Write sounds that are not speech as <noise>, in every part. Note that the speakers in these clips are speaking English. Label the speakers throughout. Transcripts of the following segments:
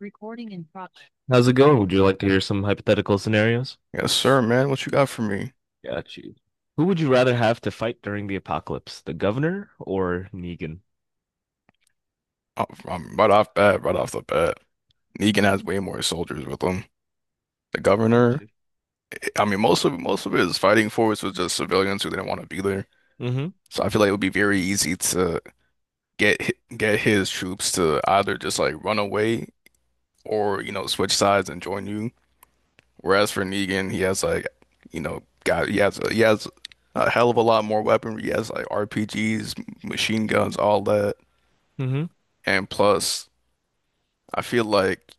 Speaker 1: Recording in progress. How's it going? Would you like to hear some hypothetical scenarios?
Speaker 2: Yes, sir, man. What you got for me?
Speaker 1: Got you. Who would you rather have to fight during the apocalypse, the governor or Negan?
Speaker 2: Oh, I'm right off bat, right off the bat. Negan has way more soldiers with him. The governor, I mean, most of his fighting force was just civilians who didn't want to be there.
Speaker 1: Mm-hmm.
Speaker 2: So I feel like it would be very easy to get his troops to either just like run away or, you know, switch sides and join you. Whereas for Negan, he has like, you know, got he has a hell of a lot more weaponry. He has like RPGs, machine guns, all that.
Speaker 1: Mm-hmm.
Speaker 2: And plus, I feel like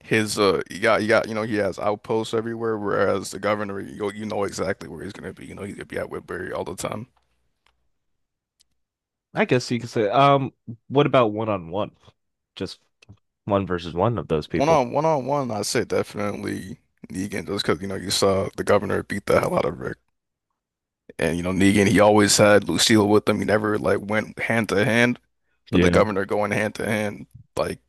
Speaker 2: his you got you got you know he has outposts everywhere, whereas the governor, you know exactly where he's gonna be. You know he's gonna be at Whitbury all the time.
Speaker 1: I guess you could say, um, what about one on one? Just one versus one of those
Speaker 2: One
Speaker 1: people.
Speaker 2: on one on one, I say definitely Negan, just because, you know, you saw the governor beat the hell out of Rick, and you know Negan, he always had Lucille with him, he never like went hand to hand. But the
Speaker 1: Yeah.
Speaker 2: governor going hand to hand, like,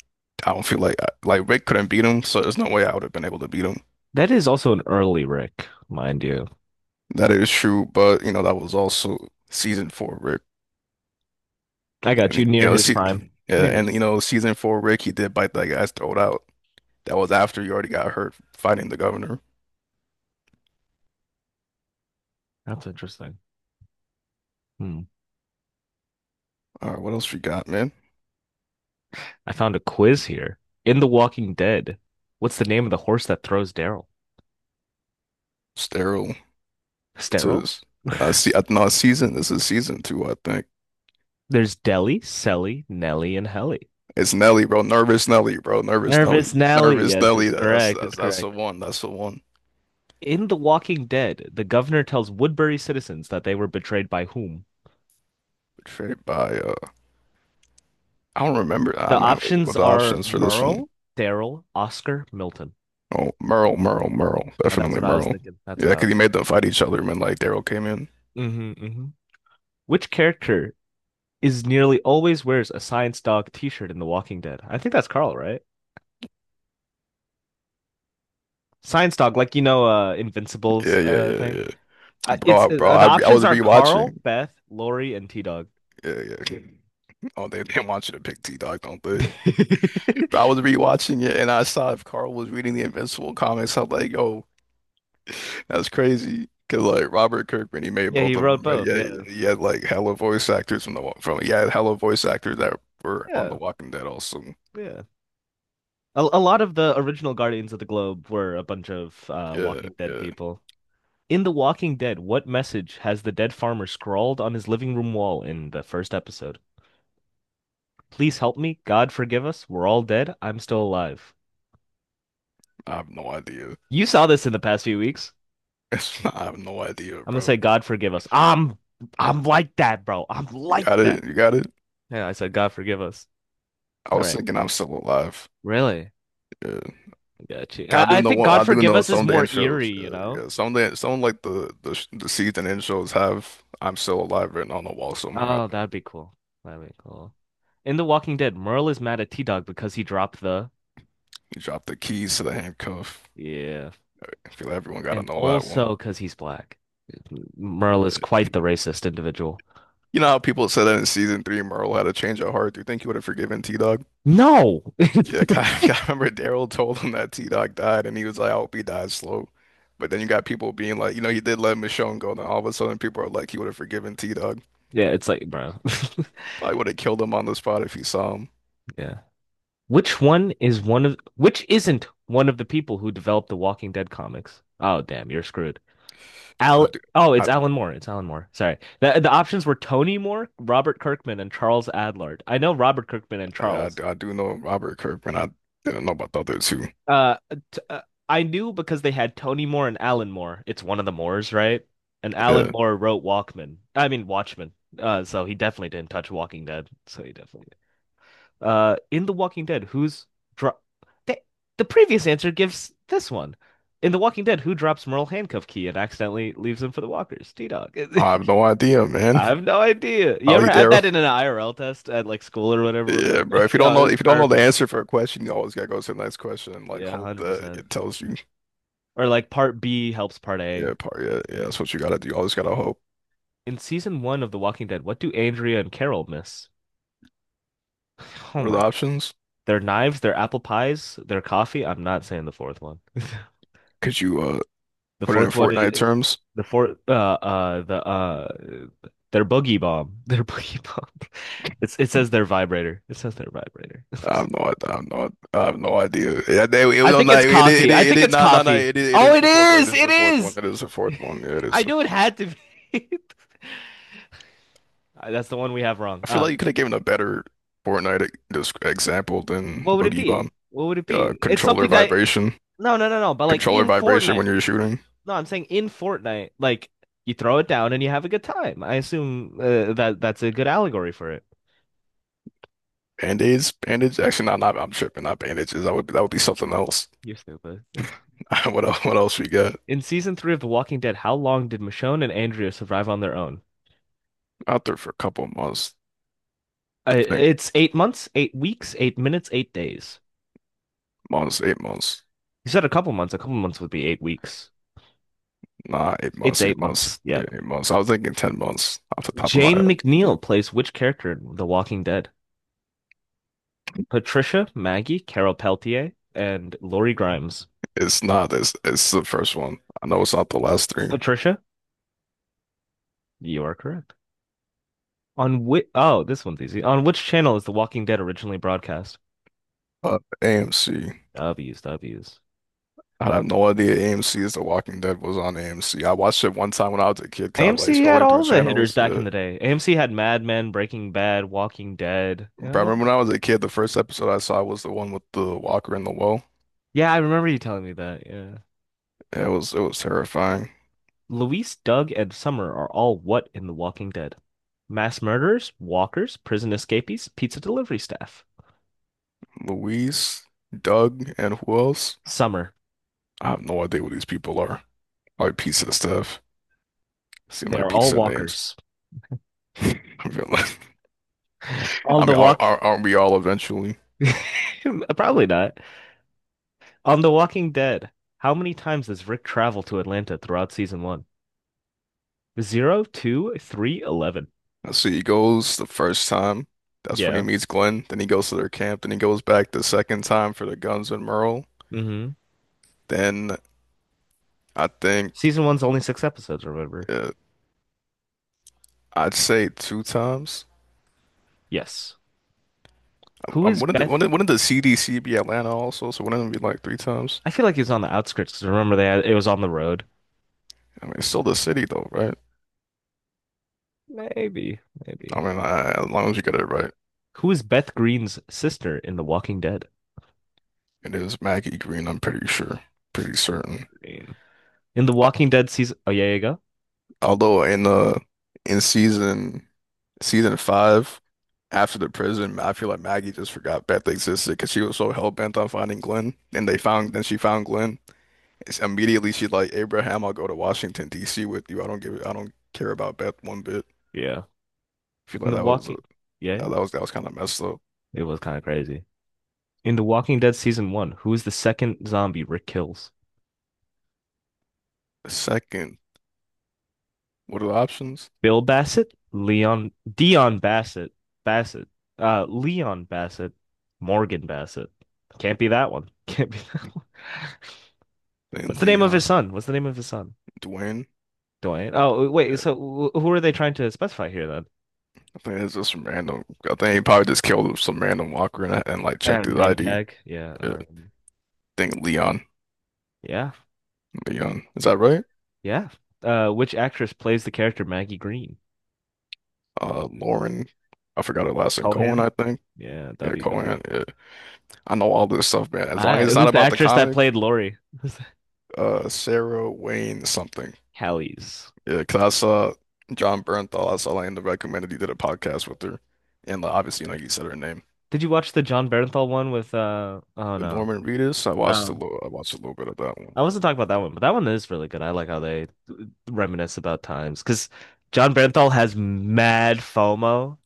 Speaker 2: I don't feel like, Rick couldn't beat him, so there's no way I would have been able to beat him.
Speaker 1: That is also an early Rick, mind you.
Speaker 2: That is true, but you know that was also season four Rick.
Speaker 1: I got
Speaker 2: And
Speaker 1: you
Speaker 2: you
Speaker 1: near
Speaker 2: know,
Speaker 1: his
Speaker 2: see,
Speaker 1: prime.
Speaker 2: yeah,
Speaker 1: Near his.
Speaker 2: and you know, season four, Rick, he did bite that guy's throat out. That was after you already got hurt fighting the governor.
Speaker 1: That's interesting. Hmm.
Speaker 2: All right, what else we got, man?
Speaker 1: I found a quiz here. In The Walking Dead, what's the name of the horse that throws Daryl?
Speaker 2: Sterile. This
Speaker 1: Sterile?
Speaker 2: is see, no, season. This is season two, I think.
Speaker 1: There's Deli, Selly, Nelly, and Helly.
Speaker 2: It's Nelly, bro. Nervous Nelly, bro. Nervous
Speaker 1: Nervous
Speaker 2: Nelly.
Speaker 1: Nelly.
Speaker 2: Nervous
Speaker 1: Yes,
Speaker 2: Nelly.
Speaker 1: it's
Speaker 2: That's
Speaker 1: correct. It's
Speaker 2: that's the
Speaker 1: correct.
Speaker 2: one. That's the one.
Speaker 1: In The Walking Dead, the governor tells Woodbury citizens that they were betrayed by whom?
Speaker 2: Portrayed by I don't remember. Ah,
Speaker 1: The
Speaker 2: man, what
Speaker 1: options
Speaker 2: the
Speaker 1: are
Speaker 2: options for this one?
Speaker 1: Merle, Daryl, Oscar, Milton.
Speaker 2: Oh, Merle.
Speaker 1: That's
Speaker 2: Definitely
Speaker 1: what I was
Speaker 2: Merle.
Speaker 1: thinking. That's
Speaker 2: Yeah,
Speaker 1: what I
Speaker 2: because he
Speaker 1: was
Speaker 2: made them fight each other, man. Like Daryl came in.
Speaker 1: thinking. Hmm. Which character is nearly always wears a science dog t-shirt in The Walking Dead? I think that's Carl, right? Science dog, like Invincible's
Speaker 2: Yeah, yeah, yeah,
Speaker 1: thing.
Speaker 2: yeah.
Speaker 1: It's
Speaker 2: Bro,
Speaker 1: the
Speaker 2: I
Speaker 1: options
Speaker 2: was
Speaker 1: are Carl,
Speaker 2: rewatching.
Speaker 1: Beth, Lori, and T-Dog.
Speaker 2: Yeah, yeah. Oh, they didn't want you to pick T-Dog, don't they? But I
Speaker 1: <laughs>
Speaker 2: was rewatching it, and I saw if Carl was reading the Invincible comics. I'm like, yo, that's crazy. Cause like Robert Kirkman, he made
Speaker 1: Yeah, he
Speaker 2: both of them,
Speaker 1: wrote
Speaker 2: right?
Speaker 1: both.
Speaker 2: Yeah,
Speaker 1: Yeah.
Speaker 2: yeah, he had like hella voice actors from, yeah, hella voice actors that were on The
Speaker 1: Yeah.
Speaker 2: Walking Dead also.
Speaker 1: Yeah. A lot of the original Guardians of the Globe were a bunch of
Speaker 2: Yeah,
Speaker 1: Walking Dead
Speaker 2: yeah.
Speaker 1: people. In The Walking Dead, what message has the dead farmer scrawled on his living room wall in the first episode? Please help me. God forgive us. We're all dead. I'm still alive.
Speaker 2: I have no idea.
Speaker 1: You saw this in the past few weeks.
Speaker 2: <laughs> I have no idea,
Speaker 1: I'm gonna
Speaker 2: bro.
Speaker 1: say God forgive us. I'm like that, bro. I'm
Speaker 2: You
Speaker 1: like
Speaker 2: got
Speaker 1: that.
Speaker 2: it. You got it.
Speaker 1: Yeah, I said God forgive us.
Speaker 2: I
Speaker 1: All
Speaker 2: was
Speaker 1: right.
Speaker 2: thinking I'm still alive.
Speaker 1: Really?
Speaker 2: Yeah.
Speaker 1: I got you. I,
Speaker 2: I do
Speaker 1: I
Speaker 2: know
Speaker 1: think
Speaker 2: one,
Speaker 1: God
Speaker 2: I do
Speaker 1: forgive
Speaker 2: know
Speaker 1: us
Speaker 2: some
Speaker 1: is
Speaker 2: of the
Speaker 1: more eerie,
Speaker 2: intros.
Speaker 1: you know?
Speaker 2: Yeah, some of the some like the sh- the season intros have "I'm Still Alive" written on the wall somewhere, I
Speaker 1: Oh,
Speaker 2: think.
Speaker 1: that'd be cool. That'd be cool. In The Walking Dead, Merle is mad at T-Dog because he dropped the,
Speaker 2: You drop the keys to the handcuff.
Speaker 1: yeah,
Speaker 2: I feel like everyone got to
Speaker 1: and
Speaker 2: know that one.
Speaker 1: also because he's black. Merle is quite the racist individual.
Speaker 2: You know how people said that in season three, Merle had a change of heart. Do you think he would have forgiven T-Dog?
Speaker 1: No. <laughs>
Speaker 2: Yeah. <laughs> I remember Daryl told him that T-Dog died, and he was like, "I hope he dies slow." But then you got people being like, you know, he did let Michonne go, and then all of a sudden people are like, he would have forgiven T-Dog.
Speaker 1: Yeah, it's like, bro.
Speaker 2: Probably would have killed him on the spot if he saw him.
Speaker 1: <laughs> Yeah. Which isn't one of the people who developed the Walking Dead comics? Oh, damn, you're screwed. Al
Speaker 2: I do.
Speaker 1: Oh, it's Alan Moore. It's Alan Moore. Sorry. The options were Tony Moore, Robert Kirkman, and Charles Adlard. I know Robert Kirkman and
Speaker 2: Yeah,
Speaker 1: Charles.
Speaker 2: I do know Robert Kirkman. I didn't know about the other two.
Speaker 1: Uh, t I knew because they had Tony Moore and Alan Moore. It's one of the Moores, right? And Alan
Speaker 2: Yeah,
Speaker 1: Moore wrote Walkman. I mean Watchmen. So he definitely didn't touch Walking Dead. So he definitely did. In The Walking Dead, dro- the previous answer gives this one. In The Walking Dead, who drops Merle handcuff key and accidentally leaves him for the walkers? T-Dog.
Speaker 2: I have no idea,
Speaker 1: <laughs>
Speaker 2: man.
Speaker 1: I have no idea. You ever
Speaker 2: Probably
Speaker 1: had
Speaker 2: Daryl.
Speaker 1: that in an IRL test at like school or whatever?
Speaker 2: Yeah, bro.
Speaker 1: <laughs> Yeah, it
Speaker 2: If
Speaker 1: was
Speaker 2: you don't know the
Speaker 1: perfect.
Speaker 2: answer for a question, you always gotta go to the next question and like
Speaker 1: Yeah,
Speaker 2: hope that
Speaker 1: 100%.
Speaker 2: it tells you.
Speaker 1: Or like part B helps part
Speaker 2: Yeah,
Speaker 1: A.
Speaker 2: part. Yeah,
Speaker 1: It's
Speaker 2: yeah.
Speaker 1: very-
Speaker 2: That's what you gotta do. You always gotta hope.
Speaker 1: In season one of The Walking Dead, what do Andrea and Carol miss? <sighs> Oh
Speaker 2: What are the
Speaker 1: my God.
Speaker 2: options?
Speaker 1: Their knives, their apple pies, their coffee. I'm not saying the fourth one. <laughs>
Speaker 2: Could you
Speaker 1: The
Speaker 2: put it in
Speaker 1: fourth one
Speaker 2: Fortnite
Speaker 1: is
Speaker 2: terms?
Speaker 1: the fourth uh uh the uh their boogie bomb. <laughs> Their boogie bomb. It says their vibrator. It says their vibrator.
Speaker 2: I have no idea. Yeah, they,
Speaker 1: <laughs>
Speaker 2: it,
Speaker 1: I
Speaker 2: was on
Speaker 1: think it's
Speaker 2: that- it, it, it,
Speaker 1: coffee. I
Speaker 2: it,
Speaker 1: think
Speaker 2: it,
Speaker 1: it's
Speaker 2: no, no, no,
Speaker 1: coffee.
Speaker 2: it
Speaker 1: Oh,
Speaker 2: is
Speaker 1: it
Speaker 2: the fourth one. It
Speaker 1: is.
Speaker 2: is
Speaker 1: It
Speaker 2: the fourth one.
Speaker 1: is.
Speaker 2: It is the fourth
Speaker 1: <laughs>
Speaker 2: one. Yeah, it is.
Speaker 1: I
Speaker 2: The
Speaker 1: knew it had to be. <laughs> That's the one we have wrong.
Speaker 2: I feel like you could have given a better just example than
Speaker 1: What would it
Speaker 2: Boogie
Speaker 1: be?
Speaker 2: Bomb.
Speaker 1: What would it
Speaker 2: Uh,
Speaker 1: be? It's
Speaker 2: controller
Speaker 1: something that,
Speaker 2: vibration,
Speaker 1: no, no, no, no. But like
Speaker 2: controller
Speaker 1: in
Speaker 2: vibration when
Speaker 1: Fortnite,
Speaker 2: you're shooting.
Speaker 1: no, I'm saying in Fortnite, like you throw it down and you have a good time. I assume that that's a good allegory for it.
Speaker 2: Band-aids, band Actually, not. I'm tripping. Not bandages. That would be something else.
Speaker 1: You're stupid.
Speaker 2: <laughs> What else? What else we got
Speaker 1: <laughs> In season three of The Walking Dead, how long did Michonne and Andrea survive on their own?
Speaker 2: out there for a couple of months? I think
Speaker 1: It's 8 months, 8 weeks, 8 minutes, 8 days.
Speaker 2: 8 months.
Speaker 1: You said a couple months. A couple months would be 8 weeks. It's eight months. Yep.
Speaker 2: 8 months. I was thinking 10 months off the top of my
Speaker 1: Jane
Speaker 2: head.
Speaker 1: McNeil plays which character in The Walking Dead? Patricia, Maggie, Carol Peltier, and Lori Grimes.
Speaker 2: It's not. It's the first one. I know it's not the last three.
Speaker 1: Patricia, you are correct. On which? Oh, this one's easy. On which channel is The Walking Dead originally broadcast?
Speaker 2: AMC.
Speaker 1: W's, W's.
Speaker 2: I have no idea. AMC is. The Walking Dead was on AMC. I watched it one time when I was a kid, kind of like
Speaker 1: AMC had
Speaker 2: scrolling through
Speaker 1: all the hitters
Speaker 2: channels.
Speaker 1: back
Speaker 2: Yeah.
Speaker 1: in the day. AMC had Mad Men, Breaking Bad, Walking Dead. Yeah,
Speaker 2: But
Speaker 1: I
Speaker 2: I remember
Speaker 1: don't.
Speaker 2: when I was a kid, the first episode I saw was the one with the walker in the well.
Speaker 1: Yeah, I remember you telling me that. Yeah.
Speaker 2: It was terrifying.
Speaker 1: Luis, Doug, and Summer are all what in The Walking Dead? Mass murderers, walkers, prison escapees, pizza delivery staff.
Speaker 2: Louise, Doug, and who else?
Speaker 1: Summer.
Speaker 2: I have no idea what these people are. Like pizza stuff. Seem
Speaker 1: They
Speaker 2: like
Speaker 1: are all
Speaker 2: pizza names.
Speaker 1: walkers.
Speaker 2: <laughs> I feel like,
Speaker 1: All
Speaker 2: I
Speaker 1: the
Speaker 2: mean,
Speaker 1: walk
Speaker 2: aren't we all eventually?
Speaker 1: <laughs> Probably not. On The Walking Dead, how many times does Rick travel to Atlanta throughout season one? Zero, two, three, 11.
Speaker 2: So he goes the first time. That's when he
Speaker 1: Yeah.
Speaker 2: meets Glenn. Then he goes to their camp. Then he goes back the second time for the guns and Merle.
Speaker 1: hmm
Speaker 2: Then I think
Speaker 1: Season one's only six episodes, remember?
Speaker 2: uh, I'd say two times.
Speaker 1: Yes. Who is Beth?
Speaker 2: Wouldn't the CDC be Atlanta also? So wouldn't it be like three times?
Speaker 1: I feel like he was on the outskirts 'cause remember it was on the road.
Speaker 2: I mean, it's still the city though, right?
Speaker 1: Maybe,
Speaker 2: I
Speaker 1: maybe.
Speaker 2: mean, I, as long as you get it right,
Speaker 1: Who is Beth Greene's sister in The Walking Dead?
Speaker 2: it is Maggie Green. I'm pretty sure, pretty certain.
Speaker 1: Green. In The
Speaker 2: Al-
Speaker 1: Walking Dead season. Oh, yeah, yeah, go.
Speaker 2: Although in in season season five, after the prison, I feel like Maggie just forgot Beth existed because she was so hell bent on finding Glenn, and they found then she found Glenn. It's immediately she's like, Abraham, I'll go to Washington, D.C. with you. I don't care about Beth one bit.
Speaker 1: Yeah.
Speaker 2: I feel
Speaker 1: In
Speaker 2: like
Speaker 1: The
Speaker 2: that was
Speaker 1: Walking. Yeah,
Speaker 2: that was that was kind of messed up.
Speaker 1: it was kind of crazy. In The Walking Dead season one, who is the second zombie Rick kills?
Speaker 2: Second, what are the options?
Speaker 1: Bill Bassett, Leon, Dion Bassett, Bassett, Leon Bassett, Morgan Bassett. Can't be that one. <laughs> Can't be that one. <laughs>
Speaker 2: Then
Speaker 1: What's the name of
Speaker 2: Leon,
Speaker 1: his son? What's the name of his son?
Speaker 2: Dwayne.
Speaker 1: Dwayne. Oh, wait.
Speaker 2: Yeah,
Speaker 1: So who are they trying to specify here then?
Speaker 2: I think it's just some random. I think he probably just killed some random walker and, like checked his
Speaker 1: Name
Speaker 2: ID.
Speaker 1: tag. Yeah.
Speaker 2: Yeah, I
Speaker 1: or-
Speaker 2: think
Speaker 1: yeah.
Speaker 2: Leon, is that
Speaker 1: Which-
Speaker 2: right?
Speaker 1: Yeah. Which actress plays the character Maggie Green?
Speaker 2: Lauren, I forgot her last name. Cohen,
Speaker 1: Cohan?
Speaker 2: I think.
Speaker 1: Yeah.
Speaker 2: Yeah,
Speaker 1: W. W.
Speaker 2: Cohen. Yeah. I know all this stuff, man. As
Speaker 1: All
Speaker 2: long as
Speaker 1: right.
Speaker 2: it's not
Speaker 1: Who's the
Speaker 2: about the
Speaker 1: actress that
Speaker 2: comic,
Speaker 1: played Lori? <laughs> Who's
Speaker 2: Sarah Wayne something.
Speaker 1: Callies.
Speaker 2: Yeah, because I saw John Bernthal. I saw like in the recommended he did a podcast with her, and like, obviously, you know,
Speaker 1: Yes.
Speaker 2: you said her name.
Speaker 1: Did you watch the John Bernthal one with oh
Speaker 2: But
Speaker 1: no.
Speaker 2: Norman Reedus,
Speaker 1: No.
Speaker 2: I watched a little bit of that one.
Speaker 1: I wasn't talking about that one, but that one is really good. I like how they reminisce about times because John Bernthal has mad FOMO.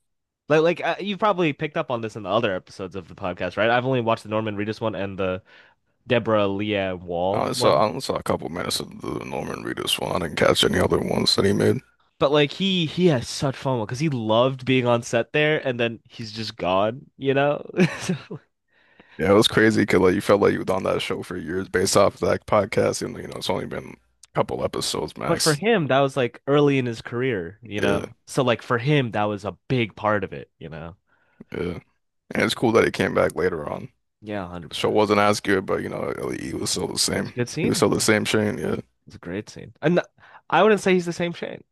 Speaker 1: You probably picked up on this in the other episodes of the podcast, right? I've only watched the Norman Reedus one and the Deborah Leah Wall one.
Speaker 2: I only saw a couple minutes of the Norman Reedus one. I didn't catch any other ones that he made.
Speaker 1: But like he has such FOMO because he loved being on set there and then he's just gone, you know? <laughs> So,
Speaker 2: Yeah, it was crazy because like you felt like you was on that show for years based off that podcast, and you know it's only been a couple episodes
Speaker 1: but for
Speaker 2: max.
Speaker 1: him, that was like early in his career, you
Speaker 2: Yeah,
Speaker 1: know? So like for him, that was a big part of it, you know?
Speaker 2: yeah, and it's cool that he came back later on.
Speaker 1: Yeah,
Speaker 2: The show
Speaker 1: 100%.
Speaker 2: wasn't as good, but you know he was still the
Speaker 1: It was a
Speaker 2: same.
Speaker 1: good
Speaker 2: He was
Speaker 1: scene.
Speaker 2: still the
Speaker 1: It
Speaker 2: same Shane. Yeah.
Speaker 1: was a great scene. And I wouldn't say he's the same Shane.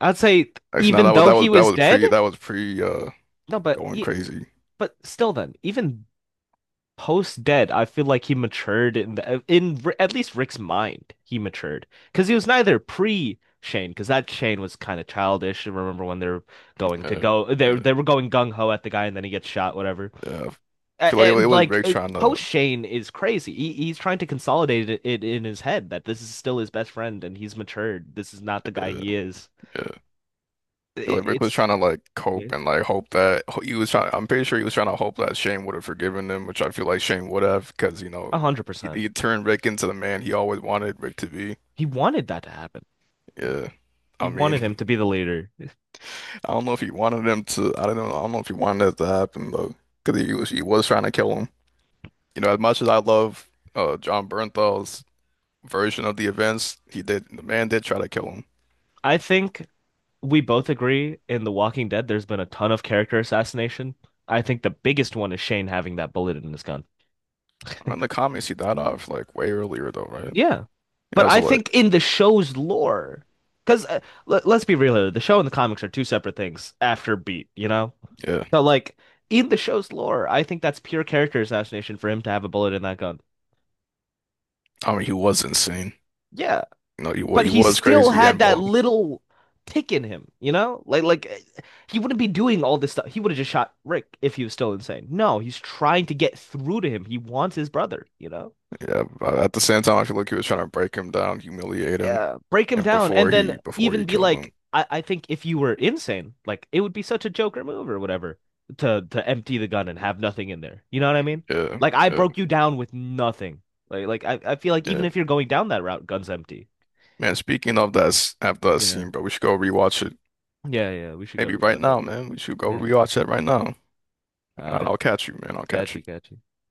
Speaker 1: I'd say
Speaker 2: Actually, no,
Speaker 1: even though he
Speaker 2: that
Speaker 1: was
Speaker 2: was
Speaker 1: dead,
Speaker 2: pre, that was pre,
Speaker 1: no, but
Speaker 2: going
Speaker 1: e
Speaker 2: crazy.
Speaker 1: but still then, even post dead, I feel like he matured in the in at least Rick's mind, he matured. Because he was neither pre Shane, because that Shane was kind of childish. I remember when they're going to
Speaker 2: Uh,
Speaker 1: go,
Speaker 2: yeah,
Speaker 1: they were going gung ho at the guy, and then he gets shot, whatever.
Speaker 2: yeah. I feel like it
Speaker 1: And
Speaker 2: was
Speaker 1: like
Speaker 2: Rick trying to,
Speaker 1: post Shane is crazy. He's trying to consolidate it, it in his head that this is still his best friend and he's matured. This is not the guy
Speaker 2: uh,
Speaker 1: he is.
Speaker 2: yeah. I feel
Speaker 1: It,
Speaker 2: like Rick was
Speaker 1: it's
Speaker 2: trying to like
Speaker 1: yeah,
Speaker 2: cope and like hope that he was trying. I'm pretty sure he was trying to hope that Shane would have forgiven him, which I feel like Shane would have, because you know
Speaker 1: a hundred percent.
Speaker 2: he turned Rick into the man he always wanted Rick to be.
Speaker 1: He wanted that to happen. Yeah,
Speaker 2: Yeah,
Speaker 1: he
Speaker 2: I
Speaker 1: wanted him to
Speaker 2: mean,
Speaker 1: be the leader.
Speaker 2: <laughs> I don't know if he wanted him to. I don't know. I don't know if he wanted that to happen though, because he was trying to kill him. You know, as much as I love John Bernthal's version of the events, he did the man did try to kill him.
Speaker 1: I think we both agree in The Walking Dead. There's been a ton of character assassination. I think the biggest one is Shane having that bullet in his gun. <laughs>
Speaker 2: In the comics, he died off like way earlier though, right?
Speaker 1: Yeah. But
Speaker 2: Yeah,
Speaker 1: I
Speaker 2: so like,
Speaker 1: think in the show's lore, because let's be real here, the show and the comics are two separate things after Beat, you know?
Speaker 2: yeah,
Speaker 1: So, like, in the show's lore, I think that's pure character assassination for him to have a bullet in that gun.
Speaker 2: I mean, he was insane.
Speaker 1: Yeah.
Speaker 2: You know,
Speaker 1: But
Speaker 2: he
Speaker 1: he
Speaker 2: was
Speaker 1: still
Speaker 2: crazy
Speaker 1: had
Speaker 2: and
Speaker 1: that
Speaker 2: bald.
Speaker 1: little tick in him, you know? He wouldn't be doing all this stuff. He would have just shot Rick if he was still insane. No, he's trying to get through to him. He wants his brother, you know?
Speaker 2: Yeah, but at the same time, I feel like he was trying to break him down, humiliate him,
Speaker 1: Yeah, break him
Speaker 2: and
Speaker 1: down, and then
Speaker 2: before
Speaker 1: even
Speaker 2: he
Speaker 1: be
Speaker 2: killed
Speaker 1: like,
Speaker 2: him.
Speaker 1: I think if you were insane, like it would be such a Joker move or whatever to empty the gun and have nothing in there. You know what I mean?
Speaker 2: Yeah,
Speaker 1: Like I
Speaker 2: yeah,
Speaker 1: broke you down with nothing. Like I feel like even
Speaker 2: yeah.
Speaker 1: if you're going down that route, gun's empty.
Speaker 2: Man, speaking of that, after that
Speaker 1: Yeah.
Speaker 2: scene, bro, we should go rewatch it.
Speaker 1: Yeah, yeah, we should go
Speaker 2: Maybe right
Speaker 1: rewatch it.
Speaker 2: now, man. We should go
Speaker 1: Yeah.
Speaker 2: rewatch that right now.
Speaker 1: All
Speaker 2: All right,
Speaker 1: right,
Speaker 2: I'll catch you, man. I'll catch
Speaker 1: catchy,
Speaker 2: you.
Speaker 1: catchy.